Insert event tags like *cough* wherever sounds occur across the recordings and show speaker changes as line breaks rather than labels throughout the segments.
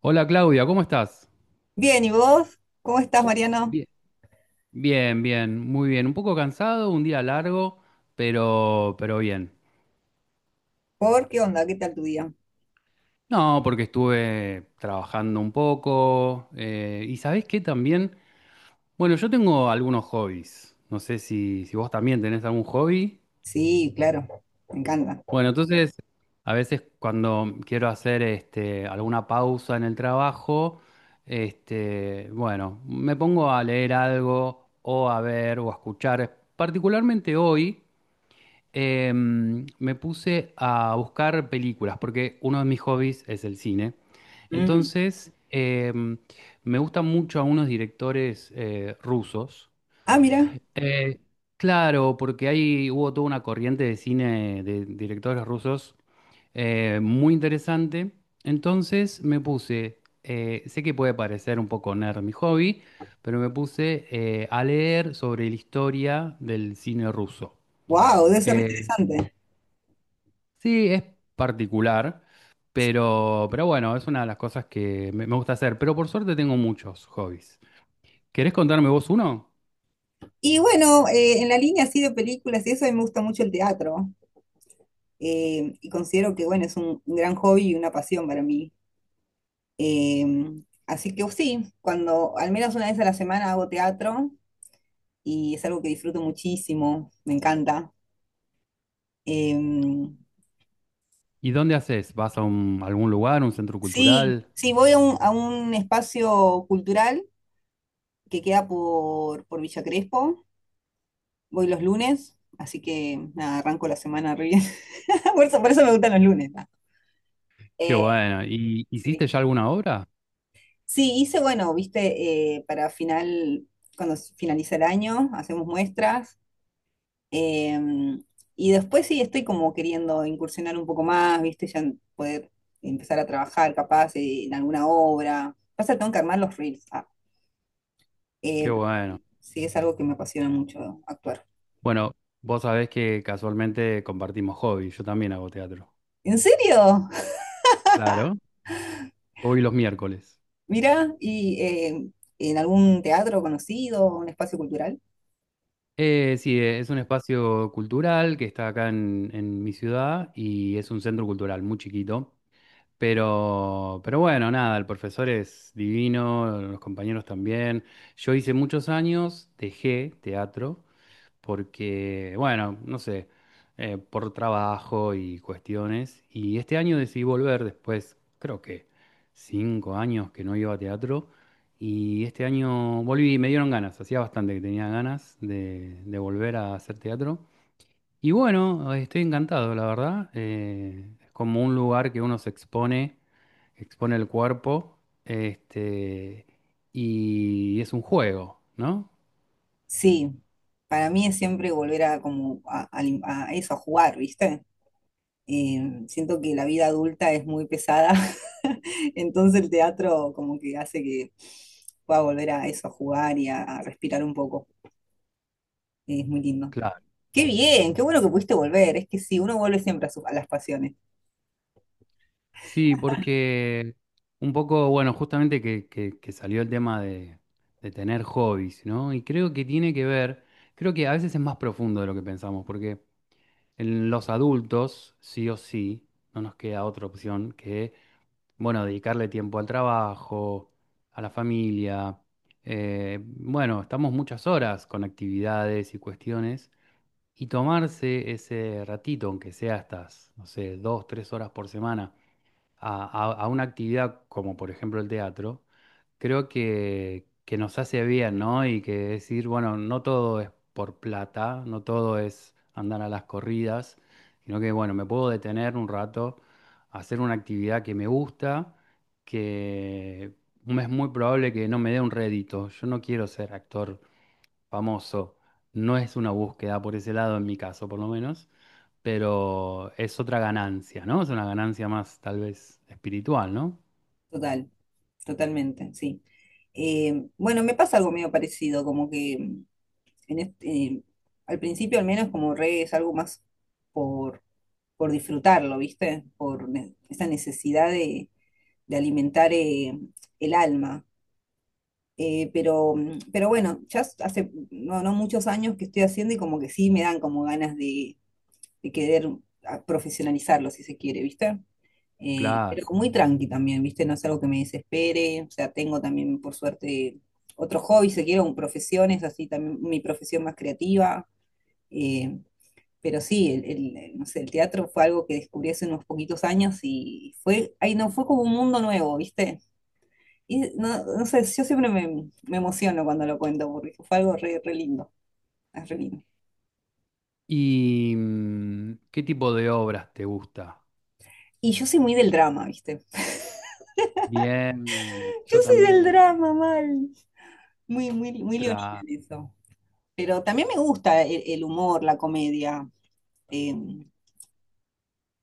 Hola Claudia, ¿cómo estás?
Bien, ¿y vos? ¿Cómo estás, Mariano?
Bien. Bien, bien, muy bien. Un poco cansado, un día largo, pero bien.
¿Por qué onda? ¿Qué tal tu día?
No, porque estuve trabajando un poco, y ¿sabés qué también? Bueno, yo tengo algunos hobbies. No sé si vos también tenés algún hobby.
Sí, claro, me encanta.
Bueno, entonces, a veces cuando quiero hacer alguna pausa en el trabajo, bueno, me pongo a leer algo o a ver o a escuchar. Particularmente hoy, me puse a buscar películas, porque uno de mis hobbies es el cine.
Mm.
Entonces, me gustan mucho a unos directores rusos.
Ah, mira,
Eh, claro, porque ahí hubo toda una corriente de cine de directores rusos, muy interesante. Entonces me puse, sé que puede parecer un poco nerd mi hobby, pero me puse, a leer sobre la historia del cine ruso.
wow, debe ser re
Eh,
interesante.
Sí, es particular, pero, bueno, es una de las cosas que me gusta hacer. Pero por suerte tengo muchos hobbies. ¿Querés contarme vos uno?
Y bueno, en la línea así de películas y eso, a mí me gusta mucho el teatro. Y considero que, bueno, es un gran hobby y una pasión para mí. Eh, Así que sí, cuando al menos una vez a la semana hago teatro y es algo que disfruto muchísimo, me encanta. Em,
¿Y dónde haces? ¿Vas a algún lugar, un centro
sí,
cultural?
sí, voy a a un espacio cultural que queda por Villa Crespo. Voy los lunes, así que nada, arranco la semana re bien. *laughs* Por eso me gustan los lunes. Nada.
Qué
Eh,
bueno. ¿Y hiciste
sí.
ya alguna obra?
Sí, hice, bueno, viste, para final, cuando finaliza el año, hacemos muestras. eh, y después sí estoy como queriendo incursionar un poco más, viste, poder empezar a trabajar capaz en alguna obra. Pasa, que tengo que armar los reels. Ah.
Qué
Eh,
bueno.
sí, es algo que me apasiona mucho actuar.
Bueno, vos sabés que casualmente compartimos hobbies. Yo también hago teatro.
¿En serio?
Claro. Hoy los miércoles.
Mira, ¿y en algún teatro conocido, un espacio cultural?
Sí, es un espacio cultural que está acá en mi ciudad y es un centro cultural muy chiquito. Pero, bueno, nada, el profesor es divino, los compañeros también. Yo hice muchos años, dejé teatro porque, bueno, no sé, por trabajo y cuestiones. Y este año decidí volver después, creo que 5 años que no iba a teatro. Y este año volví y me dieron ganas, hacía bastante que tenía ganas de volver a hacer teatro. Y bueno, estoy encantado, la verdad, es como un lugar que uno se expone el cuerpo, este, y es un juego, ¿no?
Sí, para mí es siempre volver a, como a, a eso, a jugar, ¿viste? Siento que la vida adulta es muy pesada, *laughs* entonces el teatro como que hace que pueda volver a eso, a jugar y a respirar un poco. Es muy lindo.
Claro.
Qué bien, qué bueno que pudiste volver. Es que sí, uno vuelve siempre a, a las pasiones.
Sí, porque un poco, bueno, justamente que, que salió el tema de tener hobbies, ¿no? Y creo que tiene que ver, creo que a veces es más profundo de lo que pensamos, porque en los adultos, sí o sí, no nos queda otra opción que bueno, dedicarle tiempo al trabajo, a la familia. Bueno, estamos muchas horas con actividades y cuestiones, y tomarse ese ratito, aunque sea estas, no sé, 2, 3 horas por semana, a una actividad como por ejemplo el teatro, creo que nos hace bien, ¿no? Y que decir, bueno, no todo es por plata, no todo es andar a las corridas, sino que, bueno, me puedo detener un rato, hacer una actividad que me gusta, que es muy probable que no me dé un rédito. Yo no quiero ser actor famoso, no es una búsqueda por ese lado, en mi caso, por lo menos, pero es otra ganancia, ¿no? Es una ganancia más tal vez espiritual, ¿no?
Total, totalmente, sí. Bueno, me pasa algo medio parecido, como que en este, al principio al menos como reggae es algo más por, por disfrutarlo, ¿viste? Esa necesidad de alimentar el alma. Pero, mm, pero bueno, hace no, no muchos años que estoy haciendo y como que sí me dan como ganas de querer profesionalizarlo, si se quiere, ¿viste?
Claro.
Pero muy tranqui también, ¿viste? No es algo que me desespere, o sea, tengo también por suerte otro hobby, si se quiere, un profesiones, así también mi profesión más creativa. eh, pero sí, no sé, el teatro fue algo que descubrí hace unos poquitos años y fue, ahí no, fue como un mundo nuevo, ¿viste? Y no, no sé, yo siempre me, me emociono cuando lo cuento porque fue algo re, re lindo, es re lindo.
¿Y qué tipo de obras te gusta?
Y yo soy muy del drama, ¿viste?
Bien,
Yo
yo
soy del
también.
drama, mal. Muy, muy, muy leonina
Claro.
en eso. Pero también me gusta el humor, la comedia, eh,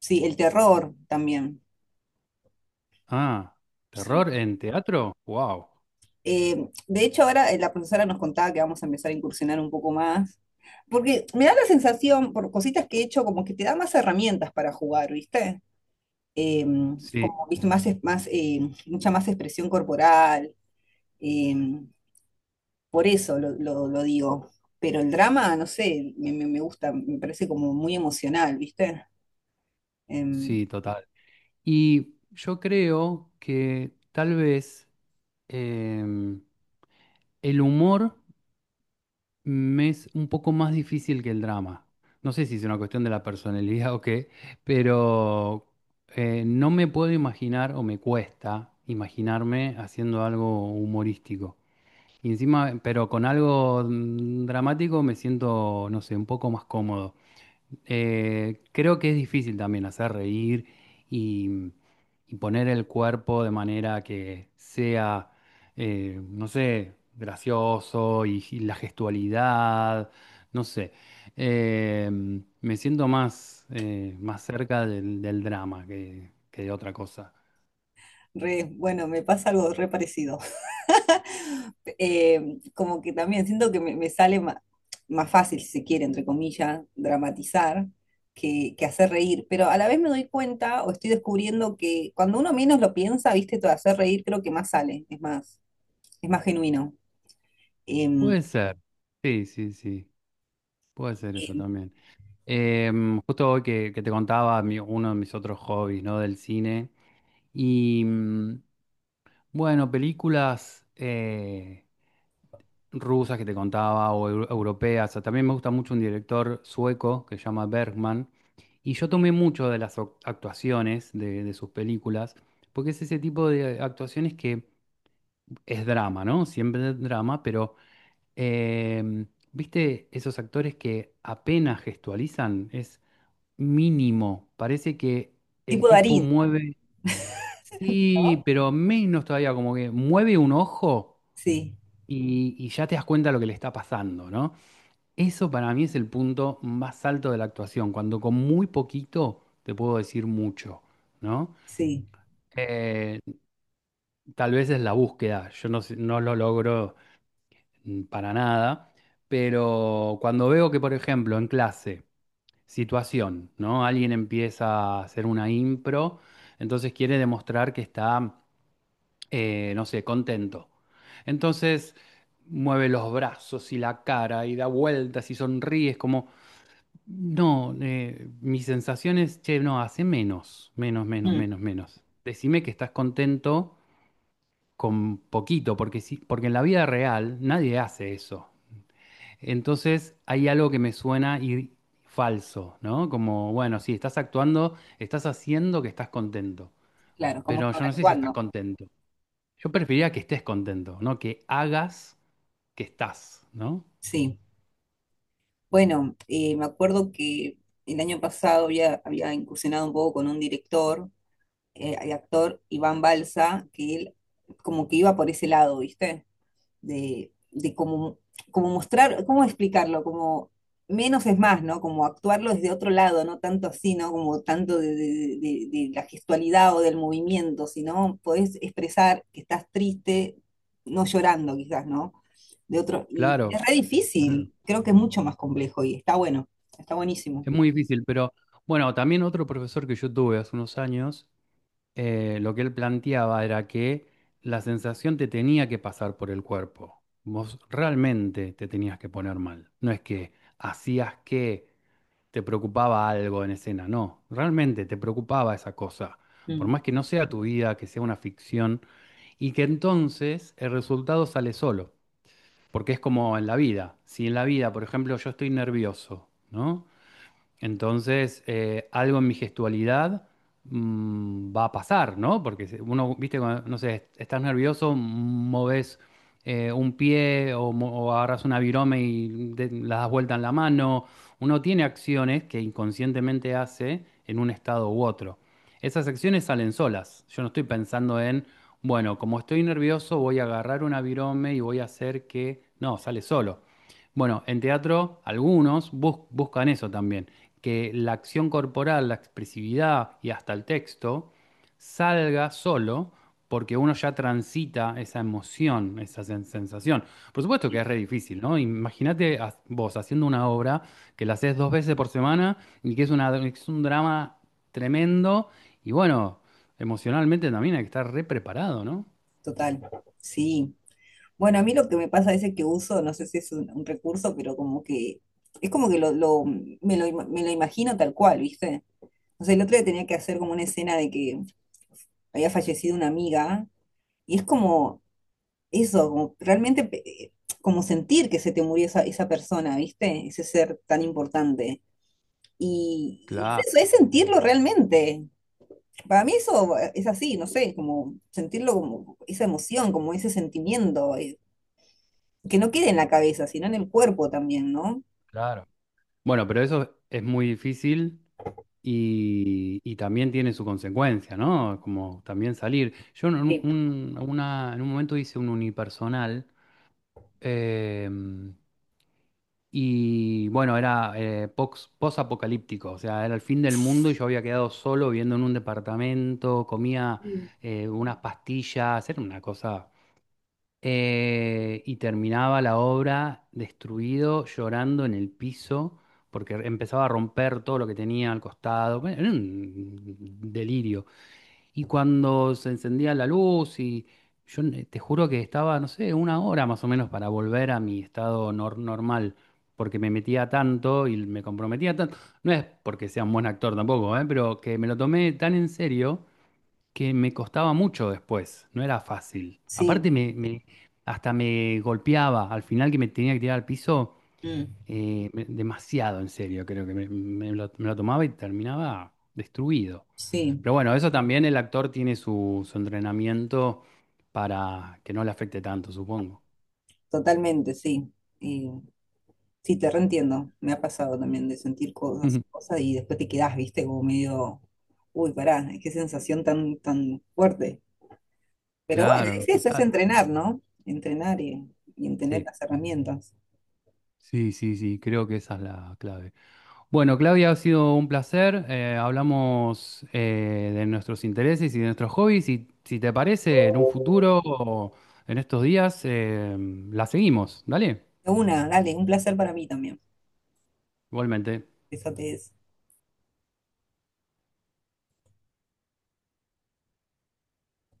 sí, el terror también,
Ah,
sí.
¿terror en teatro? Wow.
De hecho, ahora la profesora nos contaba que vamos a empezar a incursionar un poco más, porque me da la sensación, por cositas que he hecho, como que te da más herramientas para jugar, ¿viste? Em,
Sí,
como, ¿viste? Más, más, mucha más expresión corporal, em, por eso lo digo. Pero el drama, no sé, me gusta, me parece como muy emocional, ¿viste? Em,
sí, total. Y yo creo que tal vez, em, el humor me es un poco más difícil que el drama. No sé si es una cuestión de la personalidad *laughs* o qué, pero no me puedo imaginar o me cuesta imaginarme haciendo algo humorístico. Y encima, pero con algo dramático me siento, no sé, un poco más cómodo. Creo que es difícil también hacer reír y, y poner el cuerpo de manera que sea, no sé, gracioso y la gestualidad, no sé. Eh, Me siento más, más cerca del, del drama que de otra cosa.
bueno, me pasa algo re parecido. Como que también siento que me, más, fácil, si se quiere, entre comillas, dramatizar que hacer reír, pero a la vez me doy cuenta o estoy descubriendo que cuando uno menos lo piensa, viste, todo hacer reír creo que más sale, es más genuino. Em,
Puede ser, sí, sí, sí, puede ser eso
em,
también. Justo hoy que te contaba uno de mis otros hobbies, ¿no? Del cine. Y bueno, películas, rusas que te contaba o europeas. O sea, también me gusta mucho un director sueco que se llama Bergman. Y yo tomé mucho de las actuaciones de sus películas, porque es ese tipo de actuaciones que es drama, ¿no? Siempre es drama, pero, em, ¿viste esos actores que apenas gestualizan? Mínimo. Parece que el
tipo
tipo
Darín,
mueve, sí,
¿no?
pero menos todavía, como que mueve un ojo
Sí,
y ya te das cuenta lo que le está pasando, ¿no? Eso para mí es el punto más alto de la actuación, cuando con muy poquito te puedo decir mucho, ¿no?
sí.
Eh, Tal vez es la búsqueda, yo no lo logro, para nada, pero cuando veo que, por ejemplo, en clase, situación, ¿no? Alguien empieza a hacer una impro, entonces quiere demostrar que está, no sé, contento. Entonces mueve los brazos y la cara y da vueltas y sonríe, es como, no, mi sensación es, che, no, hace menos, menos, menos,
Mm,
menos, menos. Decime que estás contento con poquito, porque sí, porque en la vida real nadie hace eso. Entonces hay algo que me suena y falso, ¿no? Como, bueno, sí, estás actuando, estás haciendo que estás contento,
claro, como
pero yo no sé si estás
sobreactuando,
contento. Yo preferiría que estés contento, ¿no? Que hagas que estás, ¿no?
sí. Bueno, me acuerdo que el año pasado había, había incursionado un poco con un director el actor Iván Balsa, que él como que iba por ese lado, ¿viste? De como, como mostrar, ¿cómo explicarlo? Como menos es más, ¿no? Como actuarlo desde otro lado, no tanto así, ¿no? Como tanto de, de la gestualidad o del movimiento, sino podés expresar que estás triste, no llorando quizás, ¿no? De otro, y
Claro,
es re
claro.
difícil, creo que es mucho más complejo y está bueno, está buenísimo.
Es muy difícil, pero bueno, también otro profesor que yo tuve hace unos años, lo que él planteaba era que la sensación te tenía que pasar por el cuerpo. Vos realmente te tenías que poner mal. No es que hacías que te preocupaba algo en escena, no, realmente te preocupaba esa cosa, por
Mm,
más que no sea tu vida, que sea una ficción, y que entonces el resultado sale solo, porque es como en la vida, si en la vida, por ejemplo, yo estoy nervioso, ¿no? Entonces, algo en mi gestualidad, va a pasar, ¿no? Porque uno, viste, cuando, no sé, estás nervioso, moves, un pie o, o agarras una virome y la das vuelta en la mano. Uno tiene acciones que inconscientemente hace en un estado u otro. Esas acciones salen solas. Yo no estoy pensando en, bueno, como estoy nervioso, voy a agarrar una virome y voy a hacer que... No, sale solo. Bueno, en teatro algunos buscan eso también, que la acción corporal, la expresividad y hasta el texto salga solo porque uno ya transita esa emoción, esa sensación. Por supuesto que es re difícil, ¿no? Imagínate vos haciendo una obra que la haces 2 veces por semana y que es una, es un drama tremendo y bueno, emocionalmente también hay que estar re preparado, ¿no?
total, sí. Bueno, a mí lo que me pasa es que uso, no sé si es un recurso, pero como que es como que me lo imagino tal cual, ¿viste? O sea, el otro día tenía que hacer como una escena de que había fallecido una amiga y es como eso, como realmente como sentir que se te murió esa, esa persona, ¿viste? Ese ser tan importante. Y
Claro,
es eso, es sentirlo realmente. Para mí eso es así, no sé, como sentirlo como esa emoción, como ese sentimiento. Que no quede en la cabeza, sino en el cuerpo también, ¿no?
claro. Bueno, pero eso es muy difícil. Y también tiene su consecuencia, ¿no? Como también salir. Yo en
Sí.
en un momento hice un unipersonal, eh, y bueno, era, post-apocalíptico, o sea, era el fin del mundo y yo había quedado solo viviendo en un departamento, comía, unas pastillas, era una cosa, y terminaba la obra destruido, llorando en el piso, porque empezaba a romper todo lo que tenía al costado. Bueno, era un delirio. Y cuando se encendía la luz, y yo te juro que estaba, no sé, una hora más o menos para volver a mi estado normal, porque me metía tanto y me comprometía tanto. No es porque sea un buen actor tampoco, ¿eh? Pero que me lo tomé tan en serio que me costaba mucho después, no era fácil.
Sí,
Aparte hasta me golpeaba, al final que me tenía que tirar al piso,
mm,
demasiado en serio, creo que me lo tomaba y terminaba destruido.
sí,
Pero bueno, eso también el actor tiene su entrenamiento para que no le afecte tanto, supongo.
totalmente, sí. Eh, sí, te reentiendo. Me ha pasado también de sentir cosas,
*laughs*
cosas y después te quedás, viste, como medio, uy, pará, qué sensación tan, tan fuerte. Pero bueno,
Claro,
es eso, es
total.
entrenar, ¿no? Entrenar y en tener
Sí.
las herramientas.
Sí, sí, sí, creo que esa es la clave. Bueno, Claudia, ha sido un placer. Hablamos, de nuestros intereses y de nuestros hobbies y si te parece, en un futuro o en estos días, la seguimos. Dale,
De Una, dale, un placer para mí también.
igualmente.
Besotes.